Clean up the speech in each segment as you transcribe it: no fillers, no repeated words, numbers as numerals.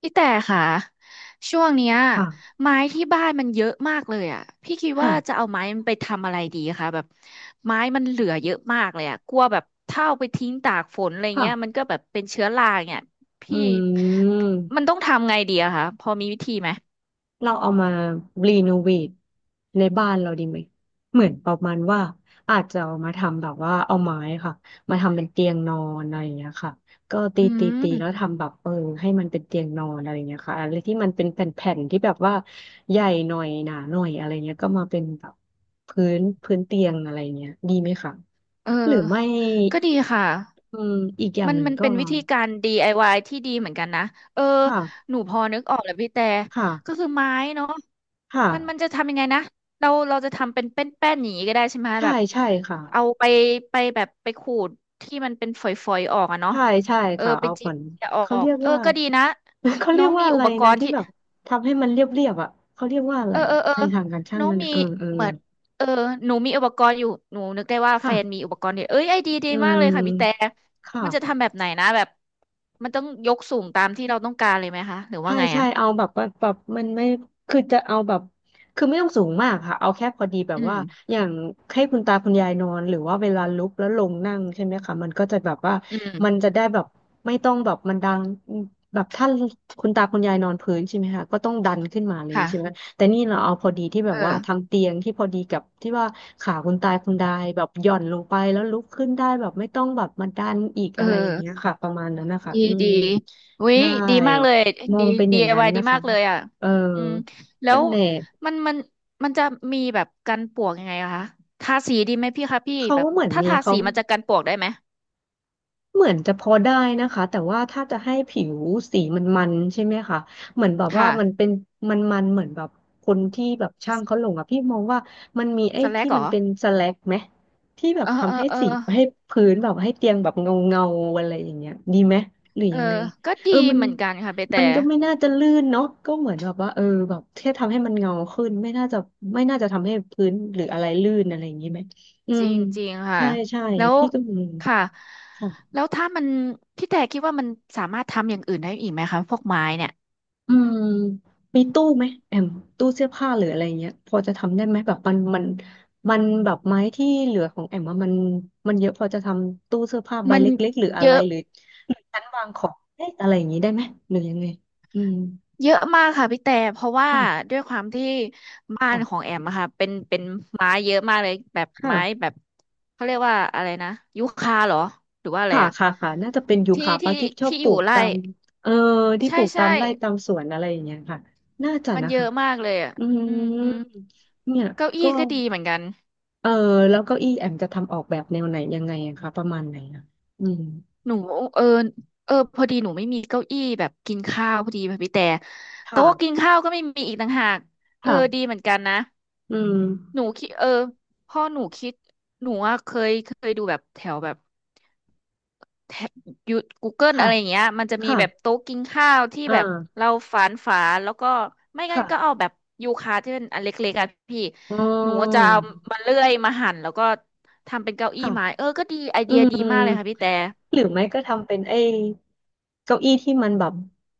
พี่แต่ค่ะช่วงเนี้ยค่ะไม้ที่บ้านมันเยอะมากเลยอ่ะพี่คิดค่ะว่าจะเอาไม้มันไปทำอะไรดีคะแบบไม้มันเหลือเยอะมากเลยอ่ะกลัวแบบถ้าเอาไปทิ้งตากฝนอะไรเงี้ยมันค่ะก็แบบเป็นเชื้อราเนี่ยอืพี่มัมนต้องทำไงดีอะคะพอมีวิธีไหมเราเอามารีโนเวทในบ้านเราดีไหมเหมือนประมาณว่าอาจจะเอามาทำแบบว่าเอาไม้ค่ะมาทำเป็นเตียงนอนอะไรอย่างเงี้ยค่ะก็ตีอืตีตีแล้วมทำแบบให้มันเป็นเตียงนอนอะไรอย่างเงี้ยค่ะอะไรที่มันเป็นแผ่นๆที่แบบว่าใหญ่หน่อยหนาหน่อยอะไรเงี้ยก็มาเป็นแบบพื้นเตียงอะไรเงี้ยดีไหมคะเอหรืออไม่ก็ดีค่ะ อืมอีกอย่างมันหนึ่งมันก็เป็นวิธีการ DIY ที่ดีเหมือนกันนะ เออ ค่ะหนูพอนึกออกแล้วพี่แต่ ก็ค่ะ คือไม้เนาะคมัน่ะจะทำยังไงนะเราจะทำเป็นแป้นอย่างนี้ก็ได้ใช่ไหมใช่แบบ ใช่ค่ะเอาไปไปแบบไปขูดที่มันเป็นฝอยๆออกอะเนาะใช่ใช่เออ ค่ะไปเอาผจีบลจะออเขาก เรียกเออ ว่า ก็ดีนะ เขาเรีน้อยกงว่ามีอะอุไรปกนะรณ์ที่ที่ แบบทำให้มันเรียบเรียบอ่ะเขาเรียกว่าอะไรเออเอออ่ะเออในทางการช่างน้องนั่นมีอ่ะเออเออเหมือนเออหนูมีอุปกรณ์อยู่หนูนึกได้ว่าแฟนมีค่ะอุปกรณ์เนี่ยเอ้ยไอเดียดีอืมากเลยค่ะพี่แต่มมันจะค่ะ ทำแบบไหนนะแบบมันต้องยกสูงตามที่เราต้องการเลยไหมคะหรือว่าใช่ไงใช่อ่ะเอาแบบว่าแบบมันไม่คือจะเอาแบบคือไม่ต้องสูงมากค่ะเอาแค่พอดีแบบอืว่ามอย่างให้คุณตาคุณยายนอนหรือว่าเวลาลุกแล้วลงนั่งใช่ไหมคะมันก็จะแบบว่าอืมันมจะได้แบบไม่ต้องแบบมันดังแบบถ้าคุณตาคุณยายนอนพื้นใช่ไหมคะก็ต้องดันขึ้นมาเลยค่ะใช่ไหมแต่นี่เราเอาพอดีที่แบเอบว่าทาองเตียงที่พอดีกับที่ว่าขาคุณตาคุณยายแบบหย่อนลงไปแล้วลุกขึ้นได้แบบไม่ต้องแบบมาดันอีกเออะไรอย่างเงี้ยอค่ะประมาณนั้นนะคะดีอืมดีวิใช่ ดีมากเลยมอดี งเป็นอย่างนั้น DIY ดีนะมาคะกเลยอ่ะเอออืมแล้นั่วนแหละมันมันมันจะมีแบบกันปลวกยังไงอะคะทาสีดีไหมพี่คะพี่เขาแบบก็เหมือนถ้ามีทาเขา สีมันจะกันปลวกได้ไหมเหมือนจะพอได้นะคะแต่ว่าถ้าจะให้ผิวสีมันใช่ไหมคะเหมือนแบบว่าค่ะมันเป็นมันเหมือนแบบคนที่แบบช่างเขาลงอ่ะพี่มองว่ามันมีไอ้สแลที่กเหรมันอ เป็นสแลกไหมที่แบบเออเอทำให้อเออสีให้พื้นแบบให้เตียงแบบเงาเงาอะไรอย่างเงี้ยดีไหมหรือเออยังไงก็เอดีอมันเหมือนกันค่ะไปแต่มันก็ไม่น่าจะลื่นเนาะก็เหมือนแบบว่าแบบแค่ทำให้มันเงาขึ้นไม่น่าจะทำให้พื้นหรืออะไรลื่นอะไรอย่างงี้ไหมอืจมริงจริงค่ะใช่ใช่แล้วพี่ก็มีค่ะค่ะ แล้วถ้ามันพี่แต่คิดว่ามันสามารถทำอย่างอื่นได้อีกไหมคะพวกไม้เนี่ยอืมมีตู้ไหมแอมตู้เสื้อผ้าหรืออะไรเงี้ยพอจะทำได้ไหมแบบมันแบบไม้ที่เหลือของแอมอะมันมันเยอะพอจะทำตู้เสื้อผ้าใบมันเล็กๆหรืออะเยไรอะหรือหรือชั้นวางของเล็กอะไรอย่างนี้ได้ไหมหรือยังไงอืมเยอะมากค่ะพี่แต่เพราะว่าค่ะด้วยความที่บ้านของค่ะแอมอะค่ะเป็นไม้เยอะมากเลยแบบไม้ค่ะแบบเขาเรียกว่าอะไรนะยูคาเหรอหรือว่าอะไรค่ะอะค่ะค่ะน่าจะเป็นยูที่คาปะที่ที่ชอบที่ปอลูยู่กตาไร่มเออที่ปใช่ลูกตาใช่มไร่ตามสวนอะไรอย่างเงี้ยค่ะน่าจะมันนะเยคะอะมากเลยอะอือืมอืมมเนี่ยเก้าก็ อี้ก็ดีเหมือนกัน เออแล้วเก้าอี้แอมจะทำออกแบบแนวไหนยังไงอะคะประมาณไหนอะอืมหนูเออเออพอดีหนูไม่มีเก้าอี้แบบกินข้าวพอดีค่ะพี่แต่โต๊ะกินค่ะข้าวก็ไม่มีอีกต่างหากเออดีค่ะเหมือนกันนะอืมหนูคิดเออพ่อหนูคิดหนูอะเคยดูแบบแถวแบบแถวยู Google ค่ะอะไรอย่างเงี้ยมันจะมีค่ะแบบโต๊ะกินข้าวที่อ่แบบาเราฝานฝาแล้วก็ไม่งั้นก็เอาค่ะแบบยูคาที่เป็นอันเล็กๆอะพี่อ๋อหนูจะเอามาเลื่อยมาหั่นแล้วก็ทำเป็นเก้าอี้ค่ะไม้เออก็ดีไออืเดียมดีมากเลยค่ะพี่แต่หรือไม่ก็ทำเป็นไอ้เก้าอี้ที่มันแบบ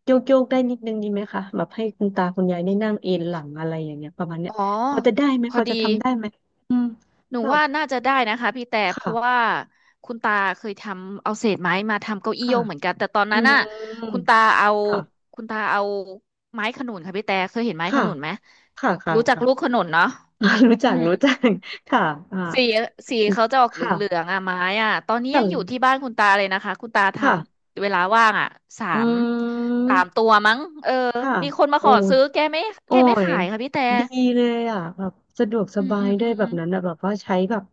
โยกโยกได้นิดนึงดีไหมคะแบบให้คุณตาคุณยายได้นั่งเอนหลังอะไรอย่างเงี้ยประมาณเนี้ยอ๋อพอจะได้ไหมพพออดี จะทำได้ไหมอืมหนูแบบว่าน่าจะได้นะคะพี่แต่เพราะค่ะว่าคุณตาเคยทำเอาเศษไม้มาทำเก้าอี้ค่ะโยกเหมือนกันแต่ตอนอืนั้นมน่ะคุณตาเอาค่ะคุณตาเอาไม้ขนุนค่ะพี่แต่เคยเห็นไม้ขค่ะนุนไหมค่ะค่ะรู้จักค่ะ ลูกขนุนเนาะอ่า รู้อืจักมรู้จัก ค่ะอ่าสีสีเขาจะออกเหค่ะลืองๆอ่ะไม้อ่ะตอนนี้ค่ะยังอยู่ที่บ้านคุณตาเลยนะคะคุณตาทค่ะำเวลาว่างอ่ะสาอืมสามตัมวมั้งเออค่ะมีคนมาโอ้ขอยซื้อแกไม่โอ้แกไม่ยขายค่ะพี่แต่ดีเลยอ่ะแบบสะดวกสอืมบาอืยมด้วยแบอืบมนั้นอะแบบว่าใช้แบบ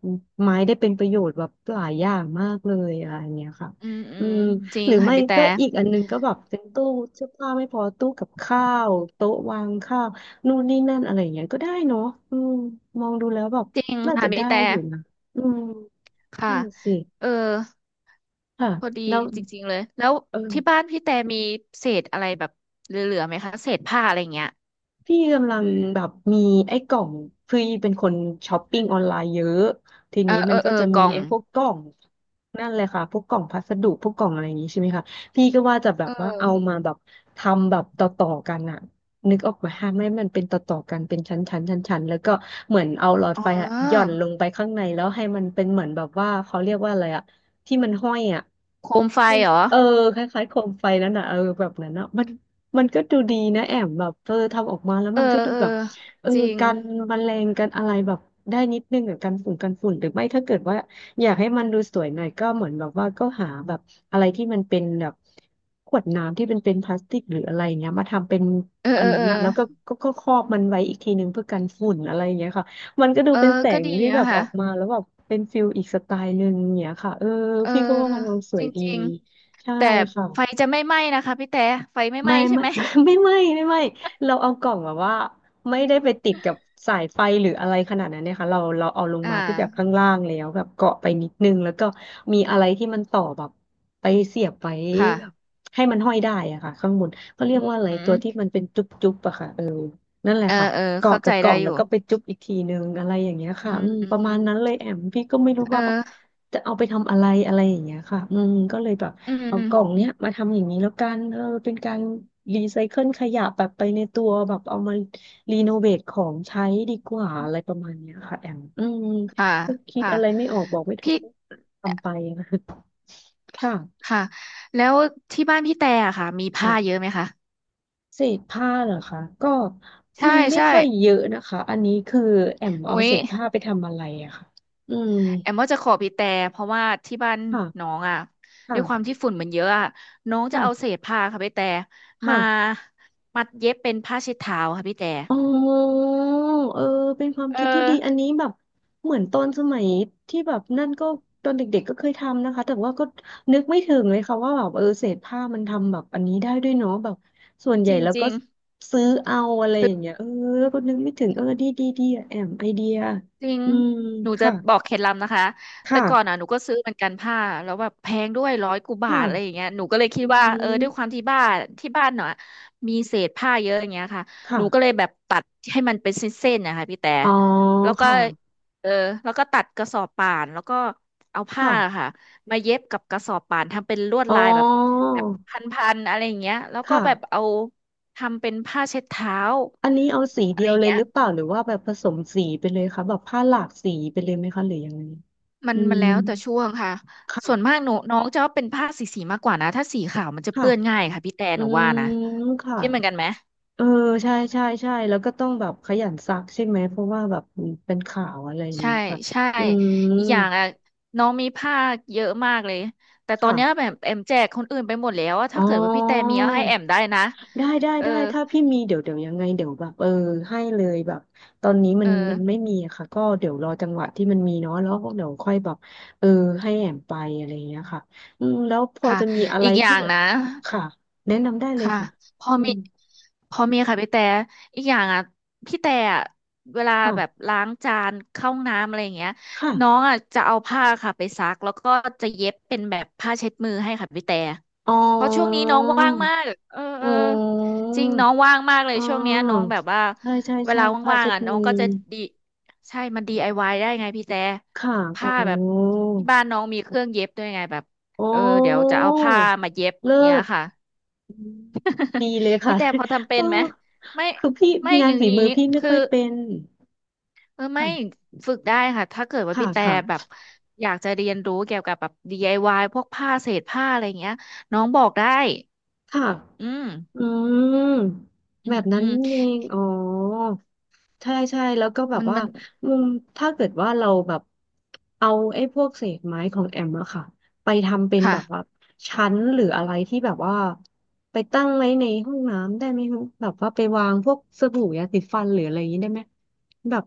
ไม้ได้เป็นประโยชน์แบบหลายอย่างมากเลยอะไรอย่างเงี้ยค่ะอืมอือืมมจริหงรือค่ะไม่พี่แต่ ก็อีกอันนึงก็แบบเป็นตู้เสื้อผ้าไม่พอตู้กับข้าวโต๊ะวางข้าวนู่นนี่นั่นอะไรอย่างเงี้ยก็ได้เนาะอืมมองดูแล้วแบบจริงน่าค่ะจะพี่ได้แต่อยู่นะอืมค่ะ นั่นสิ เออค่ะพอดีแล้วจริงๆเลยแล้วเออที่บ้านพี่แต่มีเศษอะไรแบบเหลือๆไหมคะเศษผ้าอะไรเงี้ยพี่กำลังแบบมีไอ้กล่องพี่เป็นคนช้อปปิ้งออนไลน์เยอะทีเออนี้เอมัอนก็เออจะกมีล่องไอ้พวกกล่องนั่นเลยค่ะพวกกล่องพัสดุพวกกล่องอะไรอย่างนี้ใช่ไหมคะพี่ก็ว่าจะแบเอบว่าเอาอมาแบบทำแบบต่อๆกันอะนึกออกไหมาฮะไม่ให้มันเป็นต่อๆกันเป็นชั้นๆชั้นๆแล้วก็เหมือนเอาหลอดอ๋ไฟอะหย่อนอลงไปข้างในแล้วให้มันเป็นเหมือนแบบว่าเขาเรียกว่าอะไรอะที่มันห้อยอะ โคมไฟเหรอเออคล้ายๆโคมไฟแล้วนะเออแบบนั้นนะมันก็ดูดีนะแอมแบบเออทำออกมาแล้วเออมันก็ดูเออแบบเออจริง กันแมลงกันอะไรแบบได้นิดนึงอะกันฝุ่นหรือไม่ถ้าเกิดว่าอยากให้มันดูสวยหน่อยก็เหมือนแบบว่าก็หาแบบอะไรที่มันเป็นแบบขวดน้ำที่เป็นพลาสติกหรืออะไรเงี้ยมาทำเป็นเอออัเอนอนั้เอนอนะแล้วก็ครอบมันไว้อีกทีนึงเพื่อกันฝุ่นอะไรอย่างเงี้ยค่ะมันก็ดูเออเป็นแสก็งดีที่แบนะบอคะอกมาแล้วแบบเป็นฟิลอีกสไตล์หนึ่งอย่างเงี้ยค่ะเออเออพี่ก็ว่ามันดูสจวยดี ริงใช่ๆ แต่ค่ะไฟจะไม่ไหม้นะคะพี่แต่ไฟไม่ไหม้ไม่ใช่ไม่ ไหม ไม่ไม่ไม่ไม่เราเอากล่องแบบว่าไม่ได้ไปติดกับสายไฟหรืออะไรขนาดนั้นเนี่ยค่ะเราเอาลง อ่ามาที่แบบข้างล่างแล้วแบบเกาะไปนิดนึงแล้วก็มีอะไรที่มันต่อแบบไปเสียบไว้ค่ะแบบให้มันห้อยได้อะค่ะข้างบนเขาเรียกว่าอะไรอืตัวมที่มันเป็นจุ๊บๆอะค่ะ นั่นแหละเออค่ะเออเกาะเข้ากัใจบกล่ได้องอแล้วยู่ก็ไปจุ๊บอีกทีนึงอะไรอย่างเงี้ยอืค่ะอืมมประอืมามณนั้นเลยแอมพี่ก็ไม่รู้เอว่าอจะเอาไปทำอะไรอะไรอย่างเงี้ยค่ะอืมก็เลยแบบอืเอากล่องม เนี้ยมาทำอย่างนี้แล้วกันเออเป็นการรีไซเคิลขยะแบบไปในตัวแบบเอามารีโนเวทของใช้ดีกว่าอะไรประมาณเนี้ยค่ะแอมอืมค่ะก็คิดค่ะอะไรไม่ออกบอกไม่ถูกพี่ก็ทำไปนะ ค่ะค่ะแล้วที่บ้านพี่แต่อะค่ะมีผ้าเยค่ะ อะไหมคะเศษผ้าเหรอคะก็ใช่มีไม่ใช่ค่อยเยอะนะคะอันนี้คือแอมโอ้เอายเศษผ้าไปทำอะไรอะค่ะอืมแอมว่าจะขอพี่แต่เพราะว่าที่บ้านค่ะน้องอ่ะด้วยความค่ะที่ฝุ่นมันเยอะอ่ะน้องจะเอาเศค่ะษผ้าค่ะพี่แต่มาค่ะมัดเย็บเป็นผ้าเช็ดเท้าค่ะพี่แต่อ๋อเออเป็นความเออคิดที่ดีอันนี้แบบเหมือนตอนสมัยที่แบบนั่นก็ตอนเด็กๆก็เคยทำนะคะแต่ว่าก็นึกไม่ถึงเลยค่ะว่าแบบเออเศษผ้ามันทำแบบอันนี้ได้ด้วยเนาะแบบส่วนใหจญ่แล้วก็ริงซื้อเอาอะไรอๆ ย่างเงี้ยเออก็นึกไม่ถึงเออดีอะแอมไอเดียจริง อืมหนูจะค่ะบอกเคล็ดลับนะคะ แต่ก่อนค่ะ อ่ะหนูก็ซื้อเหมือนกันผ้าแล้วแบบแพงด้วยร้อยกว่าบาค่ะทอะไรอย่างเงี้ยหนูก็เลยคิอืดว่าเออมด้วยความที่บ้านเนาะมีเศษผ้าเยอะอย่างเงี้ยค่ะหค่ะนูก็เลยแบบตัดให้มันเป็นเส้นๆนะคะพี่แต่อ๋อแล้วก็ค่ะเออแล้วก็ตัดกระสอบป่านแล้วก็เอาผ้าค่ะค่ะมาเย็บกับกระสอบป่านทำเป็นลวดอ๋อลายแบบแบบพันๆอะไรอย่างเงี้ยแล้วก็แบบค่ะเอาทำเป็นผ้าเช็ดเท้าอันนี้เอาสีอะเดีไรยวอย่างเลยเงี้หย รือเปล่าหรือว่าแบบผสมสีไปเลยคะแบบผ้าหลากสีไปเลยไหมคะหรือยังไงมันอืมันมแล้วแต่ช่วงค่ะส่วนค่ะมากหนูน้องจะว่าเป็นผ้าสีมากกว่านะ ถ้าสีขาวมันจะค่ะเปื้อนง่ายค่ะพี่แต่อืหนูว่านะมค่ะคิดเหมือนกันไหมเออใช่แล้วก็ต้องแบบขยันซักใช่ไหมเพราะว่าแบบเป็นข่าวอะไรอย่างใช่เงี้ยค่ะใช่อืมอีกอย่างอ่ะน้องมีผ้าคเยอะมากเลย แต่ตอนเนี้ยค่ะแบบแอมแจกคนอื่นไปหมดแล้วอะอ๋ถ้าเกิดว่าพี่แต่อ มีเอาให้แอมได้นะได้ได้เออ ได้ถ้าพี่มีเดี๋ยวยังไงเดี๋ยวแบบเออให้เลยแบบตอนนี้มัเอนมัอนไม่มีอะค่ะก็เดี๋ยวรอจังหวะที่มันมีเนาะแล้วเดี๋ยวค่อยแบบเออให้แอมไปอะไรอย่างเงี้ยค่ะอืมแล้วพอค่ะจะมีอะไรอีกอที่ย่างแบบนะ ค่ะแนะนำได้เลยค่ะค่ะพออืมีมค่ะพี่แต่อีกอย่างอ่ะพี่แต่อะเวลาค่ะแบบล้างจานเข้าห้องน้ำอะไรอย่างเงี้ยน้องค่ะอ่ะจะเอาผ้าค่ะไปซักแล้วก็จะเย็บเป็นแบบผ้าเช็ดมือให้ค่ะพี่แต่อ๋อเพราะช่วงนี้น้องว่างมากเออเออือจมริงน้องว่างมากเลอ๋ยอช่วงเนี้ยน้องแบบว่าใช่ใช่เวใช่ลาผ้าว่างเช็ๆดอ่ะน้อมืงก็อจะดีใช่มัน DIY ไอวายได้ไงพี่แต่ค่ะอ๋อผ้าแบบที่บ้านน้องมีเครื่องเย็บด้วยไงแบบอ๋อเออเดี๋ยวจะเอาผ้ามาเย็บอเลิย่างเงี้ยศ ค่ะ อืมดีเลย พี่ค่ะ แต่พอทำ เป็โอ้นไหมไม่คือพี่ไม่งาอนย่างฝีนี้มือพี่ไม่คือค่อยเป็นไม่ค่ะฝึกได้ค่ะถ้าเกิดว่าค่ะพี่แต่แบบค่ะอยากจะเรียนรู้เกี่ยวกับแบบ DIY พวกผ้าเศษผ้าอะไรเงี้ยน้องบอกได้ค่ะ อืมอืมอืแบมบนั้อืนมเองอ๋อใช่ใช่แล้วก็แบบมันว่ามันมุมถ้าเกิดว่าเราแบบเอาไอ้พวกเศษไม้ของแอมอะค่ะไปทำเป็นค่ะ แบบว่าชั้นหรืออะไรที่แบบว่าไปตั้งไว้ในห้องน้ำได้ไหมคะแบบว่าไปวางพวกสบู่ยาสีฟันหรืออะไรอย่างนี้ได้ไหมแบบ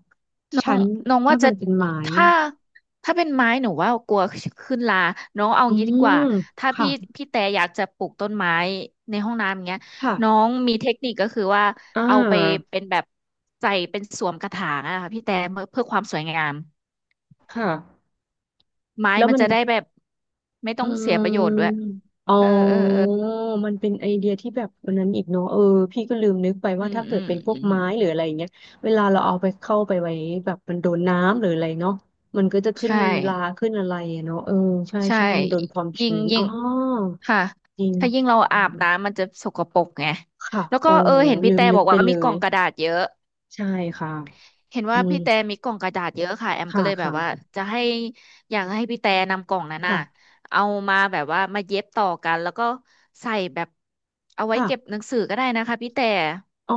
น้องชั้นน้องว่าถ้าจะมันเป็นไม้ถ้าอะถ้าเป็นไม้หนูว่ากลัวขึ้นราน้องเอาอืงี้ดีกมว่าถ้าค่ะพี่แต่อยากจะปลูกต้นไม้ในห้องน้ำอย่างเงี้ยค่ะน้องมีเทคนิคก็คือว่าอ่เอาไปาเป็นแบบใส่เป็นสวมกระถางอะค่ะพี่แต่เพื่อความสวยงามค่ะไม้แล้วมันมัน จะได้แบบไม่ต้อืองเสียประโยชน์ด้วยมอ๋อเออเออเออมันเป็นไอเดียที่แบบวันนั้นอีกเนาะเออพี่ก็ลืมนึกไปอืว่ามถ้าเกิอืดมเป็นพวอืกมอืไม้มหรืออะไรอย่างเงี้ยเวลาเราเอาไปเข้าไปไว้แบบมันโดนน้ำหรืออะไรเนาะมันก็จะขึ้นใช่ราขึ้นอะไรอะเนาะเออใช่ใช่ใช่มันโดนความยิ่งชื้นยิ่อ๋อง ค่ะจริงถ้ายิ่งเราอือาบมน้ำมันจะสกปรกไงค่ะแล้วอ๋ก็อเออเห็นลืพี่มแต่นึบกอกไปว่าเลมีกล่ยองกระดาษเยอะใช่ค่ะเห็นอืว่ามพี่แต่มีกล่องกระดาษเยอะค่ะแอมค่ะก็เลยแบบค่ะว่าจะให้อยากให้พี่แต่นำกล่องนั้นน่ะค่ะเอามาแบบว่ามาเย็บต่อกันแล้วก็ใส่แบบเอาไว้ค่ะเก็บหนังสือก็ได้นะคะพี่แต่อ๋อ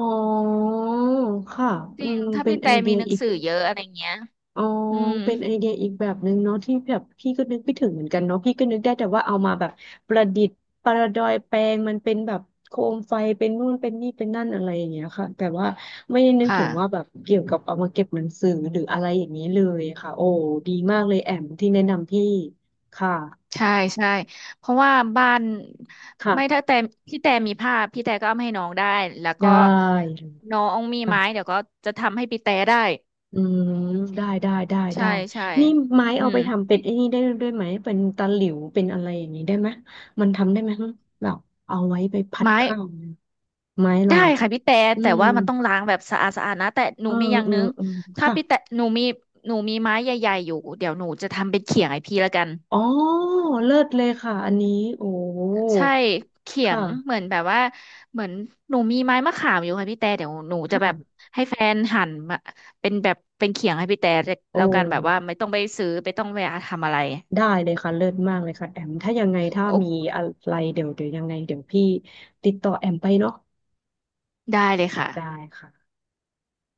ค่ะจอืริงมถ้าเป็นพี่ไอแต่เดีมียหนังอีก สือเยอะอะไรเงี้ยอ๋ออืมเป็นไอเดียอีกแบบหนึ่งเนาะที่แบบพี่ก็นึกไม่ถึงเหมือนกันเนาะพี่ก็นึกได้แต่ว่าเอามาแบบประดิษฐ์ประดอยแปลงมันเป็นแบบโคมไฟเป็นนู่นเป็นนี่เป็นนั่นอะไรอย่างเงี้ยค่ะแต่ว่าไม่ได้นึกถึค่ะ งว่าแบบเกี่ยวกับเอามาเก็บหนังสือหรืออะไรอย่างนี้เลยค่ะโอ้ดีมากเลยแอมที่แนะนำพี่ค่ะใช่ใช่เพราะว่าบ้านไม่ถ้าค่ะแต่พี่แต่มีผ้าพี่แต่ก็เอามาให้น้องได้แล้วก็ได้เลยน้องมีค่ะ ไม้เดี๋ยวก็จะทำให้พี่แต่ได้อืมได้ได้ได้ใช่ได้ใช่นี่ไม้อืเอามไปทำเป็นไอ้นี่ได้ด้วยไหมเป็นตะหลิวเป็นอะไรอย่างนี้ได้ไหมมันทำได้ไหมฮะแบบเอาไว้ไปพัดไม้ข้าวเนี่ยไม้เราได้อะค่ะพี่แต่อืแต่มว่ามันต้องล้างแบบสะอาดสะอาดนะแต่หนูเออมีอย่างเออนึงเออถ้าค่ะพี่แต่หนูมีไม้ใหญ่ๆอยู่เดี๋ยวหนูจะทำเป็นเขียงให้พี่ละกัน อ๋อเลิศเลยค่ะอันนี้โอ้ใช่เขีคยงเหมื่ะอนแบบว่าเหมือนหนูมีไม้มะขามอยู่ค่ะพี่แต่เดี๋ยวหนูจะแบบค่ะให้แฟนหั่นมาเป็นแบบเป็นเขียงให้พี่แต่โอ้แล้วกันแบบว่าไม่ต้องไปซื้อไม่ต้องไปทำอะไรได้เลยค่ะเลิศมากเลยค่ะแอมถ้ายังไงถ้าโอ้มีอะไรเดี๋ยวยังไงเดี๋ยวพี่ติดต่อแอมไปเนาะได้เลยค่ะได้ค่ะ